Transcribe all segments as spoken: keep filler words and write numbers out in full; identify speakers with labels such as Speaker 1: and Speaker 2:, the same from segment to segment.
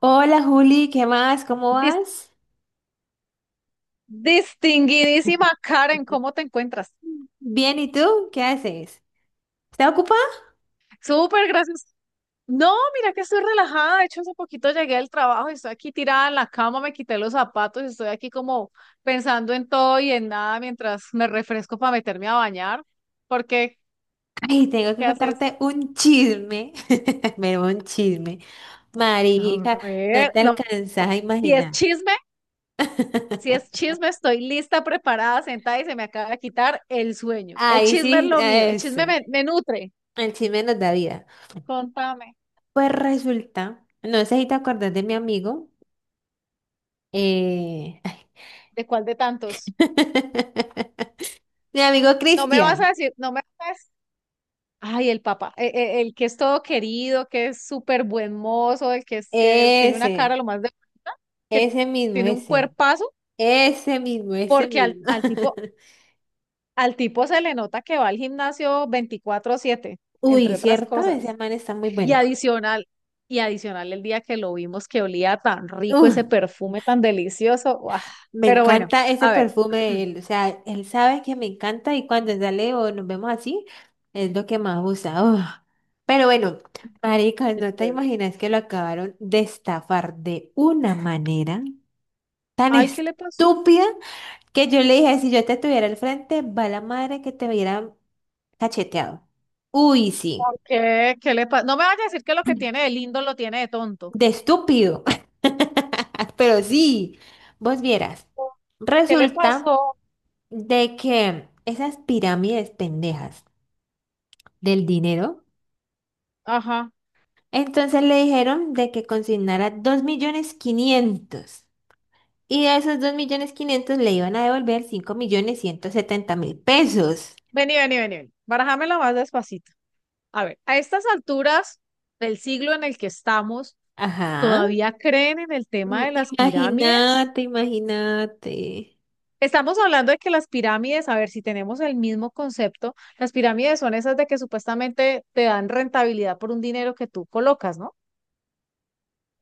Speaker 1: Hola Juli, ¿qué más? ¿Cómo
Speaker 2: Dis-
Speaker 1: vas?
Speaker 2: Distinguidísima Karen, ¿cómo te encuentras?
Speaker 1: Bien, ¿y tú? ¿Qué haces? ¿Estás ocupada?
Speaker 2: Súper, gracias. No, mira que estoy relajada. De hecho, hace poquito llegué al trabajo y estoy aquí tirada en la cama, me quité los zapatos y estoy aquí como pensando en todo y en nada mientras me refresco para meterme a bañar. ¿Por qué?
Speaker 1: Ay, tengo que
Speaker 2: ¿Qué haces?
Speaker 1: contarte un chisme. Me dio un chisme.
Speaker 2: A
Speaker 1: Marica, no
Speaker 2: ver,
Speaker 1: te
Speaker 2: no.
Speaker 1: alcanzas a
Speaker 2: Si es
Speaker 1: imaginar.
Speaker 2: chisme, si es chisme, estoy lista, preparada, sentada y se me acaba de quitar el sueño. El
Speaker 1: Ay,
Speaker 2: chisme es
Speaker 1: sí,
Speaker 2: lo mío, el chisme
Speaker 1: eso.
Speaker 2: me, me nutre.
Speaker 1: El chisme nos da vida.
Speaker 2: Contame,
Speaker 1: Pues resulta, no sé si te acordás de mi amigo. eh,
Speaker 2: ¿de cuál de tantos?
Speaker 1: Mi amigo
Speaker 2: No me vas
Speaker 1: Cristian.
Speaker 2: a decir, no me vas a decir, ay, el papá, e- e- el, que es todo querido, que es súper buen mozo, el que es que tiene una
Speaker 1: Ese,
Speaker 2: cara lo más de bonita, que
Speaker 1: ese mismo,
Speaker 2: tiene un
Speaker 1: ese.
Speaker 2: cuerpazo,
Speaker 1: Ese mismo, ese
Speaker 2: porque al,
Speaker 1: mismo.
Speaker 2: al tipo, al tipo se le nota que va al gimnasio veinticuatro siete entre
Speaker 1: Uy,
Speaker 2: otras
Speaker 1: ¿cierto? Ese
Speaker 2: cosas.
Speaker 1: man está muy
Speaker 2: Y
Speaker 1: bueno.
Speaker 2: adicional, y adicional el día que lo vimos que olía tan rico
Speaker 1: Uf,
Speaker 2: ese perfume tan delicioso. ¡Guau!
Speaker 1: me
Speaker 2: Pero bueno,
Speaker 1: encanta ese
Speaker 2: a ver.
Speaker 1: perfume de él. O sea, él sabe que me encanta y cuando sale o nos vemos así, es lo que más gusta. Uf. Pero bueno, marica,
Speaker 2: Qué
Speaker 1: no te
Speaker 2: chévere.
Speaker 1: imaginas que lo acabaron de estafar de una manera tan
Speaker 2: Ay, ¿qué le pasó?
Speaker 1: estúpida que yo le dije, si yo te tuviera al frente, va la madre que te hubiera cacheteado. Uy, sí.
Speaker 2: ¿Por qué? ¿Qué le pasó? No me vayas a decir que lo que tiene de lindo lo tiene de tonto.
Speaker 1: De estúpido. Pero sí, vos vieras.
Speaker 2: ¿Qué le
Speaker 1: Resulta
Speaker 2: pasó?
Speaker 1: de que esas pirámides pendejas del dinero,
Speaker 2: Ajá.
Speaker 1: entonces le dijeron de que consignara dos millones quinientos. Y de esos dos millones quinientos le iban a devolver cinco millones ciento setenta mil pesos.
Speaker 2: Vení, vení, vení, vení. Barajámela más despacito. A ver, a estas alturas del siglo en el que estamos,
Speaker 1: Ajá.
Speaker 2: ¿todavía creen en el
Speaker 1: Mm.
Speaker 2: tema de las pirámides?
Speaker 1: Imagínate, imagínate.
Speaker 2: Estamos hablando de que las pirámides, a ver si tenemos el mismo concepto, las pirámides son esas de que supuestamente te dan rentabilidad por un dinero que tú colocas, ¿no?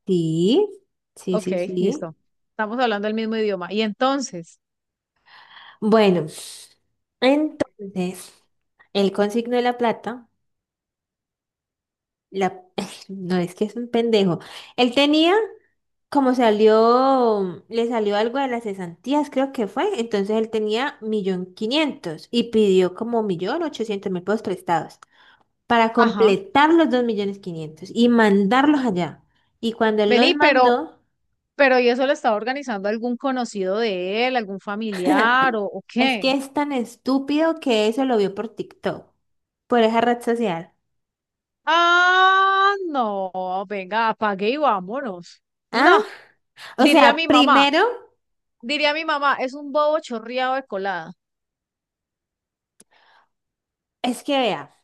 Speaker 1: Sí, sí,
Speaker 2: Ok,
Speaker 1: sí, sí.
Speaker 2: listo. Estamos hablando el mismo idioma. Y entonces,
Speaker 1: Bueno, entonces, él consignó la plata. La... No es que es un pendejo. Él tenía, como salió, le salió algo de las cesantías, creo que fue. Entonces él tenía millón quinientos y pidió como millón ochocientos mil pesos prestados para
Speaker 2: ajá.
Speaker 1: completar los dos millones quinientos y mandarlos allá. Y cuando él los
Speaker 2: Vení, pero
Speaker 1: mandó,
Speaker 2: Pero ¿y eso lo estaba organizando algún conocido de él, algún familiar o, o
Speaker 1: es que
Speaker 2: qué?
Speaker 1: es tan estúpido que eso lo vio por TikTok, por esa red social.
Speaker 2: Ah, no, venga, apague y vámonos.
Speaker 1: ¿Ah?
Speaker 2: No,
Speaker 1: O
Speaker 2: diría
Speaker 1: sea,
Speaker 2: mi mamá,
Speaker 1: primero
Speaker 2: diría mi mamá, es un bobo chorreado de colada.
Speaker 1: es que vea,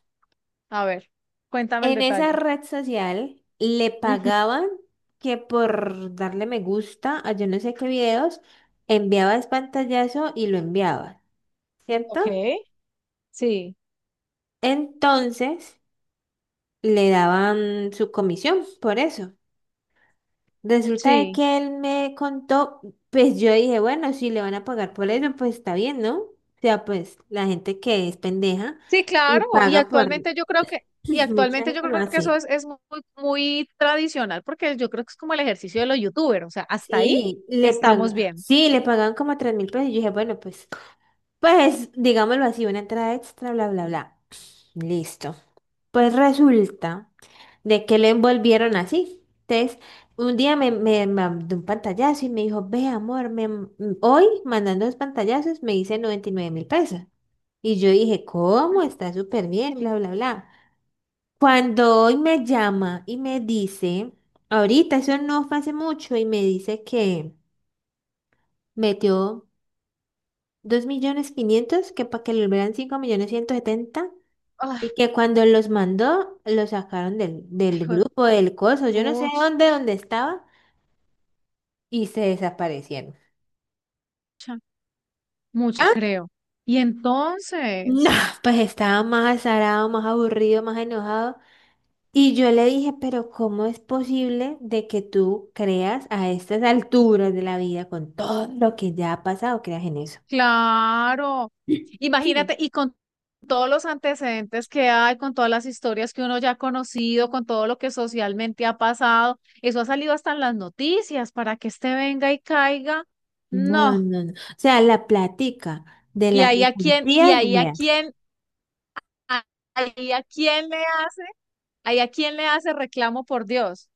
Speaker 2: A ver, cuéntame el
Speaker 1: en esa
Speaker 2: detalle.
Speaker 1: red social le
Speaker 2: Ujú,
Speaker 1: pagaban que por darle me gusta a yo no sé qué videos, enviabas pantallazo y lo enviabas, ¿cierto?
Speaker 2: Ok, sí,
Speaker 1: Entonces le daban su comisión por eso. Resulta de
Speaker 2: sí.
Speaker 1: que él me contó, pues yo dije, bueno, si le van a pagar por eso, pues está bien, ¿no? O sea, pues la gente que es pendeja
Speaker 2: Sí,
Speaker 1: y
Speaker 2: claro, y
Speaker 1: paga por...
Speaker 2: actualmente yo creo que, y
Speaker 1: Mucha
Speaker 2: actualmente yo
Speaker 1: gente lo
Speaker 2: creo que eso
Speaker 1: hace.
Speaker 2: es, es muy, muy tradicional, porque yo creo que es como el ejercicio de los youtubers, o sea, hasta ahí
Speaker 1: Sí, le pagan,
Speaker 2: estamos bien.
Speaker 1: sí, le pagaban como tres mil pesos. Y yo dije, bueno, pues, pues, digámoslo así, una entrada extra, bla, bla, bla. Listo. Pues resulta de que lo envolvieron así. Entonces, un día me, me mandó un pantallazo y me dijo, ve, amor, me, m- hoy mandando los pantallazos me hice noventa y nueve mil pesos. Y yo dije, ¿cómo? Está súper bien, bla, bla, bla. Cuando hoy me llama y me dice, ahorita, eso no fue hace mucho, y me dice que metió dos millones quinientos, que para que lo vean cinco millones ciento setenta,
Speaker 2: Ay,
Speaker 1: y que cuando los mandó, lo sacaron del, del grupo, del coso, yo no sé
Speaker 2: pucha,
Speaker 1: dónde, dónde estaba, y se desaparecieron.
Speaker 2: mucho creo. Y
Speaker 1: No,
Speaker 2: entonces,
Speaker 1: pues estaba más azarado, más aburrido, más enojado. Y yo le dije, pero ¿cómo es posible de que tú creas a estas alturas de la vida con todo lo que ya ha pasado, creas en eso?
Speaker 2: claro. Imagínate,
Speaker 1: Sí.
Speaker 2: y con todos los antecedentes que hay, con todas las historias que uno ya ha conocido, con todo lo que socialmente ha pasado, eso ha salido hasta en las noticias para que este venga y caiga.
Speaker 1: No,
Speaker 2: No.
Speaker 1: no, no. O sea, la plática de
Speaker 2: Y
Speaker 1: las
Speaker 2: ahí a quién, y
Speaker 1: injusticias.
Speaker 2: ahí a quién, a- ahí a quién le hace, ahí a quién le hace reclamo por Dios.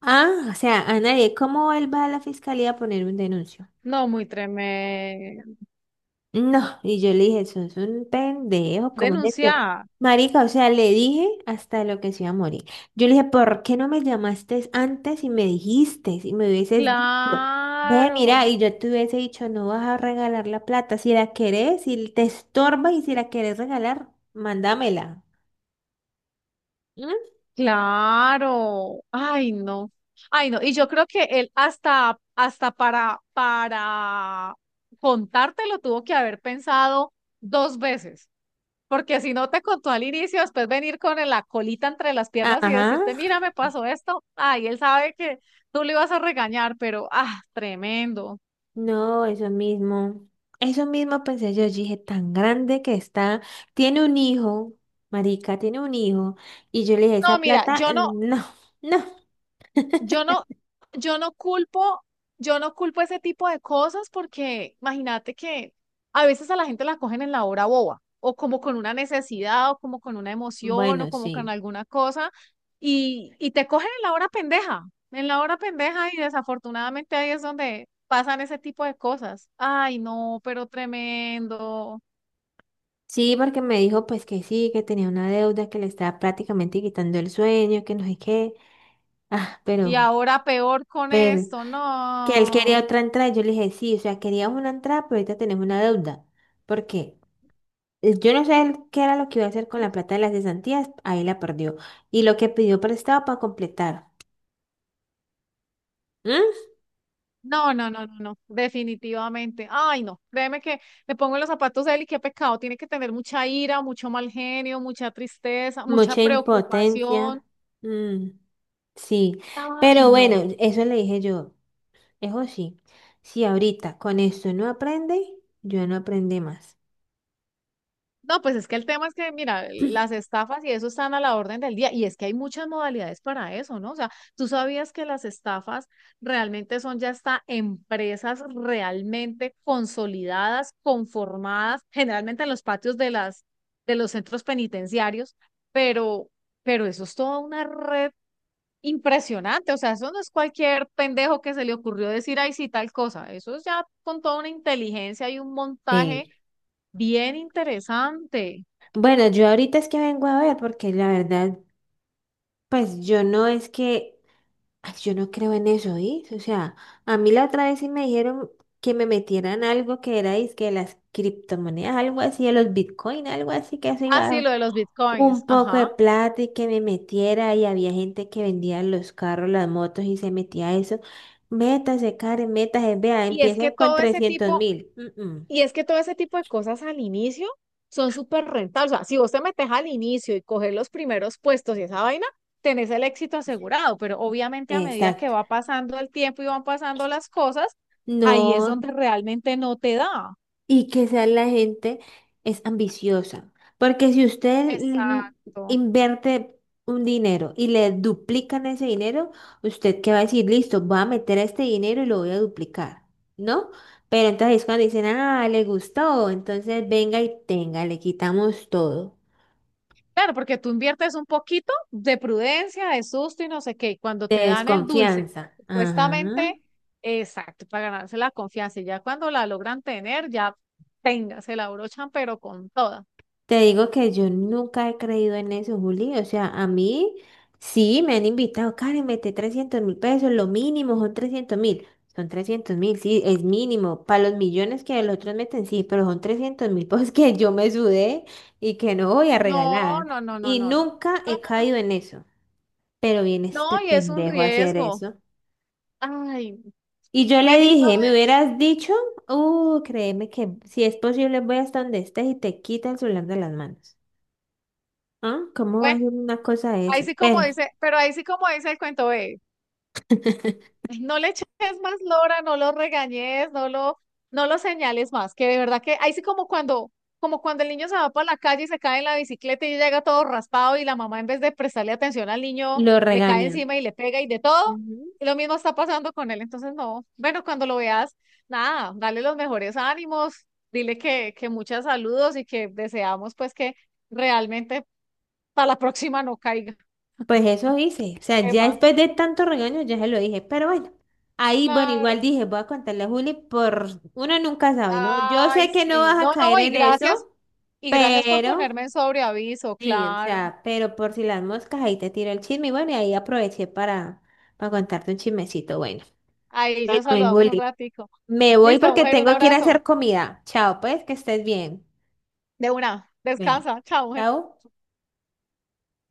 Speaker 1: Ah, o sea, a nadie. ¿Cómo él va a la fiscalía a poner un denuncio?
Speaker 2: No, muy tremendo.
Speaker 1: No, y yo le dije, sos un pendejo, ¿cómo es esto?
Speaker 2: Denunciar.
Speaker 1: Marica, o sea, le dije hasta lo que se iba a morir. Yo le dije, ¿por qué no me llamaste antes y me dijiste, si me hubieses dicho? Ve,
Speaker 2: Claro.
Speaker 1: mira, y yo te hubiese dicho, no vas a regalar la plata, si la querés, si te estorba y si la querés regalar, mándamela. ¿Mm?
Speaker 2: Claro, ay no, ay no, y yo creo que él hasta, hasta para, para contártelo tuvo que haber pensado dos veces, porque si no te contó al inicio, después venir con la colita entre las piernas y
Speaker 1: Ajá.
Speaker 2: decirte, mira, me pasó esto, ay, él sabe que tú le ibas a regañar, pero, ah, tremendo.
Speaker 1: No, eso mismo. Eso mismo pensé yo, yo dije, tan grande que está, tiene un hijo, marica, tiene un hijo, y yo le dije,
Speaker 2: No,
Speaker 1: esa
Speaker 2: mira,
Speaker 1: plata,
Speaker 2: yo
Speaker 1: eh,
Speaker 2: no,
Speaker 1: no, no,
Speaker 2: Yo no, yo no culpo, Yo no culpo ese tipo de cosas porque imagínate que a veces a la gente la cogen en la hora boba, o como con una necesidad, o como con una emoción, o
Speaker 1: bueno,
Speaker 2: como con
Speaker 1: sí.
Speaker 2: alguna cosa, y, y te cogen en la hora pendeja, en la hora pendeja, y desafortunadamente ahí es donde pasan ese tipo de cosas. Ay, no, pero tremendo.
Speaker 1: Sí, porque me dijo pues que sí, que tenía una deuda, que le estaba prácticamente quitando el sueño, que no sé qué. Ah,
Speaker 2: Y
Speaker 1: pero,
Speaker 2: ahora peor con
Speaker 1: pero,
Speaker 2: esto,
Speaker 1: que él quería
Speaker 2: no.
Speaker 1: otra entrada, yo le dije, sí, o sea, queríamos una entrada, pero ahorita tenemos una deuda. ¿Por qué? Eh, Yo no sé él qué era lo que iba a hacer con la plata de las cesantías, ahí la perdió. Y lo que pidió prestado para completar. ¿Mm?
Speaker 2: No, no, no, no, no, definitivamente. Ay, no, créeme que me pongo en los zapatos de él y qué pecado. Tiene que tener mucha ira, mucho mal genio, mucha tristeza, mucha
Speaker 1: Mucha
Speaker 2: preocupación.
Speaker 1: impotencia. Mm, sí,
Speaker 2: Ay,
Speaker 1: pero bueno,
Speaker 2: no.
Speaker 1: eso le dije yo. Eso sí, si ahorita con esto no aprende, yo no aprendí más.
Speaker 2: No, pues es que el tema es que, mira, las estafas y eso están a la orden del día y es que hay muchas modalidades para eso, ¿no? O sea, tú sabías que las estafas realmente son ya hasta empresas realmente consolidadas, conformadas, generalmente en los patios de las de los centros penitenciarios, pero pero eso es toda una red impresionante, o sea, eso no es cualquier pendejo que se le ocurrió decir, ay, sí, tal cosa, eso es ya con toda una inteligencia y un
Speaker 1: Sí.
Speaker 2: montaje bien interesante.
Speaker 1: Bueno, yo ahorita es que vengo a ver, porque la verdad, pues yo no es que. Ay, yo no creo en eso, ¿sí? O sea, a mí la otra vez sí me dijeron que me metieran algo que era dizque de las criptomonedas, algo así, de los Bitcoin, algo así, que eso
Speaker 2: Ah,
Speaker 1: iba a
Speaker 2: sí,
Speaker 1: dar
Speaker 2: lo de los bitcoins,
Speaker 1: un poco de
Speaker 2: ajá.
Speaker 1: plata y que me metiera y había gente que vendía los carros, las motos y se metía a eso. Métase, Karen, métase, vea,
Speaker 2: Y es que
Speaker 1: empiece con
Speaker 2: todo ese
Speaker 1: trescientos
Speaker 2: tipo,
Speaker 1: mil. Mm, mm.
Speaker 2: y es que todo ese tipo de cosas al inicio son súper rentables. O sea, si vos te metes al inicio y coges los primeros puestos y esa vaina, tenés el éxito asegurado. Pero obviamente a medida que
Speaker 1: Exacto.
Speaker 2: va pasando el tiempo y van pasando las cosas, ahí es
Speaker 1: No,
Speaker 2: donde realmente no te da.
Speaker 1: y que sea, la gente es ambiciosa. Porque si usted l-
Speaker 2: Exacto.
Speaker 1: invierte un dinero y le duplican ese dinero, usted qué va a decir, listo, voy a meter este dinero y lo voy a duplicar, ¿no? Pero entonces cuando dicen, ah, le gustó, entonces venga y tenga, le quitamos todo.
Speaker 2: Claro, porque tú inviertes un poquito de prudencia, de susto y no sé qué. Y cuando te dan el dulce,
Speaker 1: Desconfianza. Ajá.
Speaker 2: supuestamente, exacto, para ganarse la confianza. Y ya cuando la logran tener, ya tenga, se la abrochan, pero con toda.
Speaker 1: Te digo que yo nunca he creído en eso, Juli. O sea, a mí sí me han invitado, Karen, mete trescientos mil pesos, lo mínimo son trescientos mil. Son trescientos mil, sí, es mínimo. Para los millones que los otros meten, sí, pero son trescientos mil pesos que yo me sudé y que no voy a
Speaker 2: No,
Speaker 1: regalar.
Speaker 2: no, no, no,
Speaker 1: Y
Speaker 2: no, no.
Speaker 1: nunca
Speaker 2: No,
Speaker 1: he
Speaker 2: no, no.
Speaker 1: caído en eso. Pero viene
Speaker 2: No,
Speaker 1: este
Speaker 2: y es un
Speaker 1: pendejo a hacer
Speaker 2: riesgo.
Speaker 1: eso.
Speaker 2: Ay,
Speaker 1: Y yo le
Speaker 2: bendito
Speaker 1: dije, me
Speaker 2: Dios.
Speaker 1: hubieras dicho, uh, créeme que si es posible voy hasta donde estés y te quita el celular de las manos. Ah, ¿cómo va a
Speaker 2: Bueno,
Speaker 1: ser una cosa de
Speaker 2: ahí
Speaker 1: esas?
Speaker 2: sí como
Speaker 1: Pero
Speaker 2: dice, pero ahí sí como dice el cuento, ve, ay, no le eches más lora, no lo regañes, no lo, no lo señales más, que de verdad que ahí sí como cuando, como cuando el niño se va para la calle y se cae en la bicicleta y llega todo raspado y la mamá en vez de prestarle atención al niño
Speaker 1: lo
Speaker 2: le cae
Speaker 1: regañan.
Speaker 2: encima y le pega y de todo,
Speaker 1: Ujú.
Speaker 2: y lo mismo está pasando con él, entonces no, bueno, cuando lo veas, nada, dale los mejores ánimos, dile que, que muchos saludos y que deseamos pues que realmente para la próxima no caiga.
Speaker 1: Pues eso hice. O sea,
Speaker 2: ¿Qué
Speaker 1: ya
Speaker 2: más?
Speaker 1: después de tanto regaño, ya se lo dije. Pero bueno, ahí, bueno,
Speaker 2: Claro.
Speaker 1: igual dije, voy a contarle a Juli por... Uno nunca sabe, ¿no? Yo
Speaker 2: Ay,
Speaker 1: sé que no
Speaker 2: sí.
Speaker 1: vas a
Speaker 2: No, no,
Speaker 1: caer
Speaker 2: y
Speaker 1: en
Speaker 2: gracias.
Speaker 1: eso,
Speaker 2: Y gracias por
Speaker 1: pero...
Speaker 2: ponerme en sobreaviso,
Speaker 1: Sí, o
Speaker 2: claro.
Speaker 1: sea, pero por si las moscas, ahí te tiro el chisme. Y bueno, y ahí aproveché para, para contarte un chismecito. Bueno,
Speaker 2: Ahí
Speaker 1: bueno,
Speaker 2: yo
Speaker 1: mi
Speaker 2: saludamos un
Speaker 1: Juli,
Speaker 2: ratico.
Speaker 1: me voy
Speaker 2: Listo,
Speaker 1: porque
Speaker 2: mujer, un
Speaker 1: tengo que ir a
Speaker 2: abrazo.
Speaker 1: hacer comida. Chao, pues, que estés bien.
Speaker 2: De una.
Speaker 1: Bueno,
Speaker 2: Descansa. Chao, mujer.
Speaker 1: chao.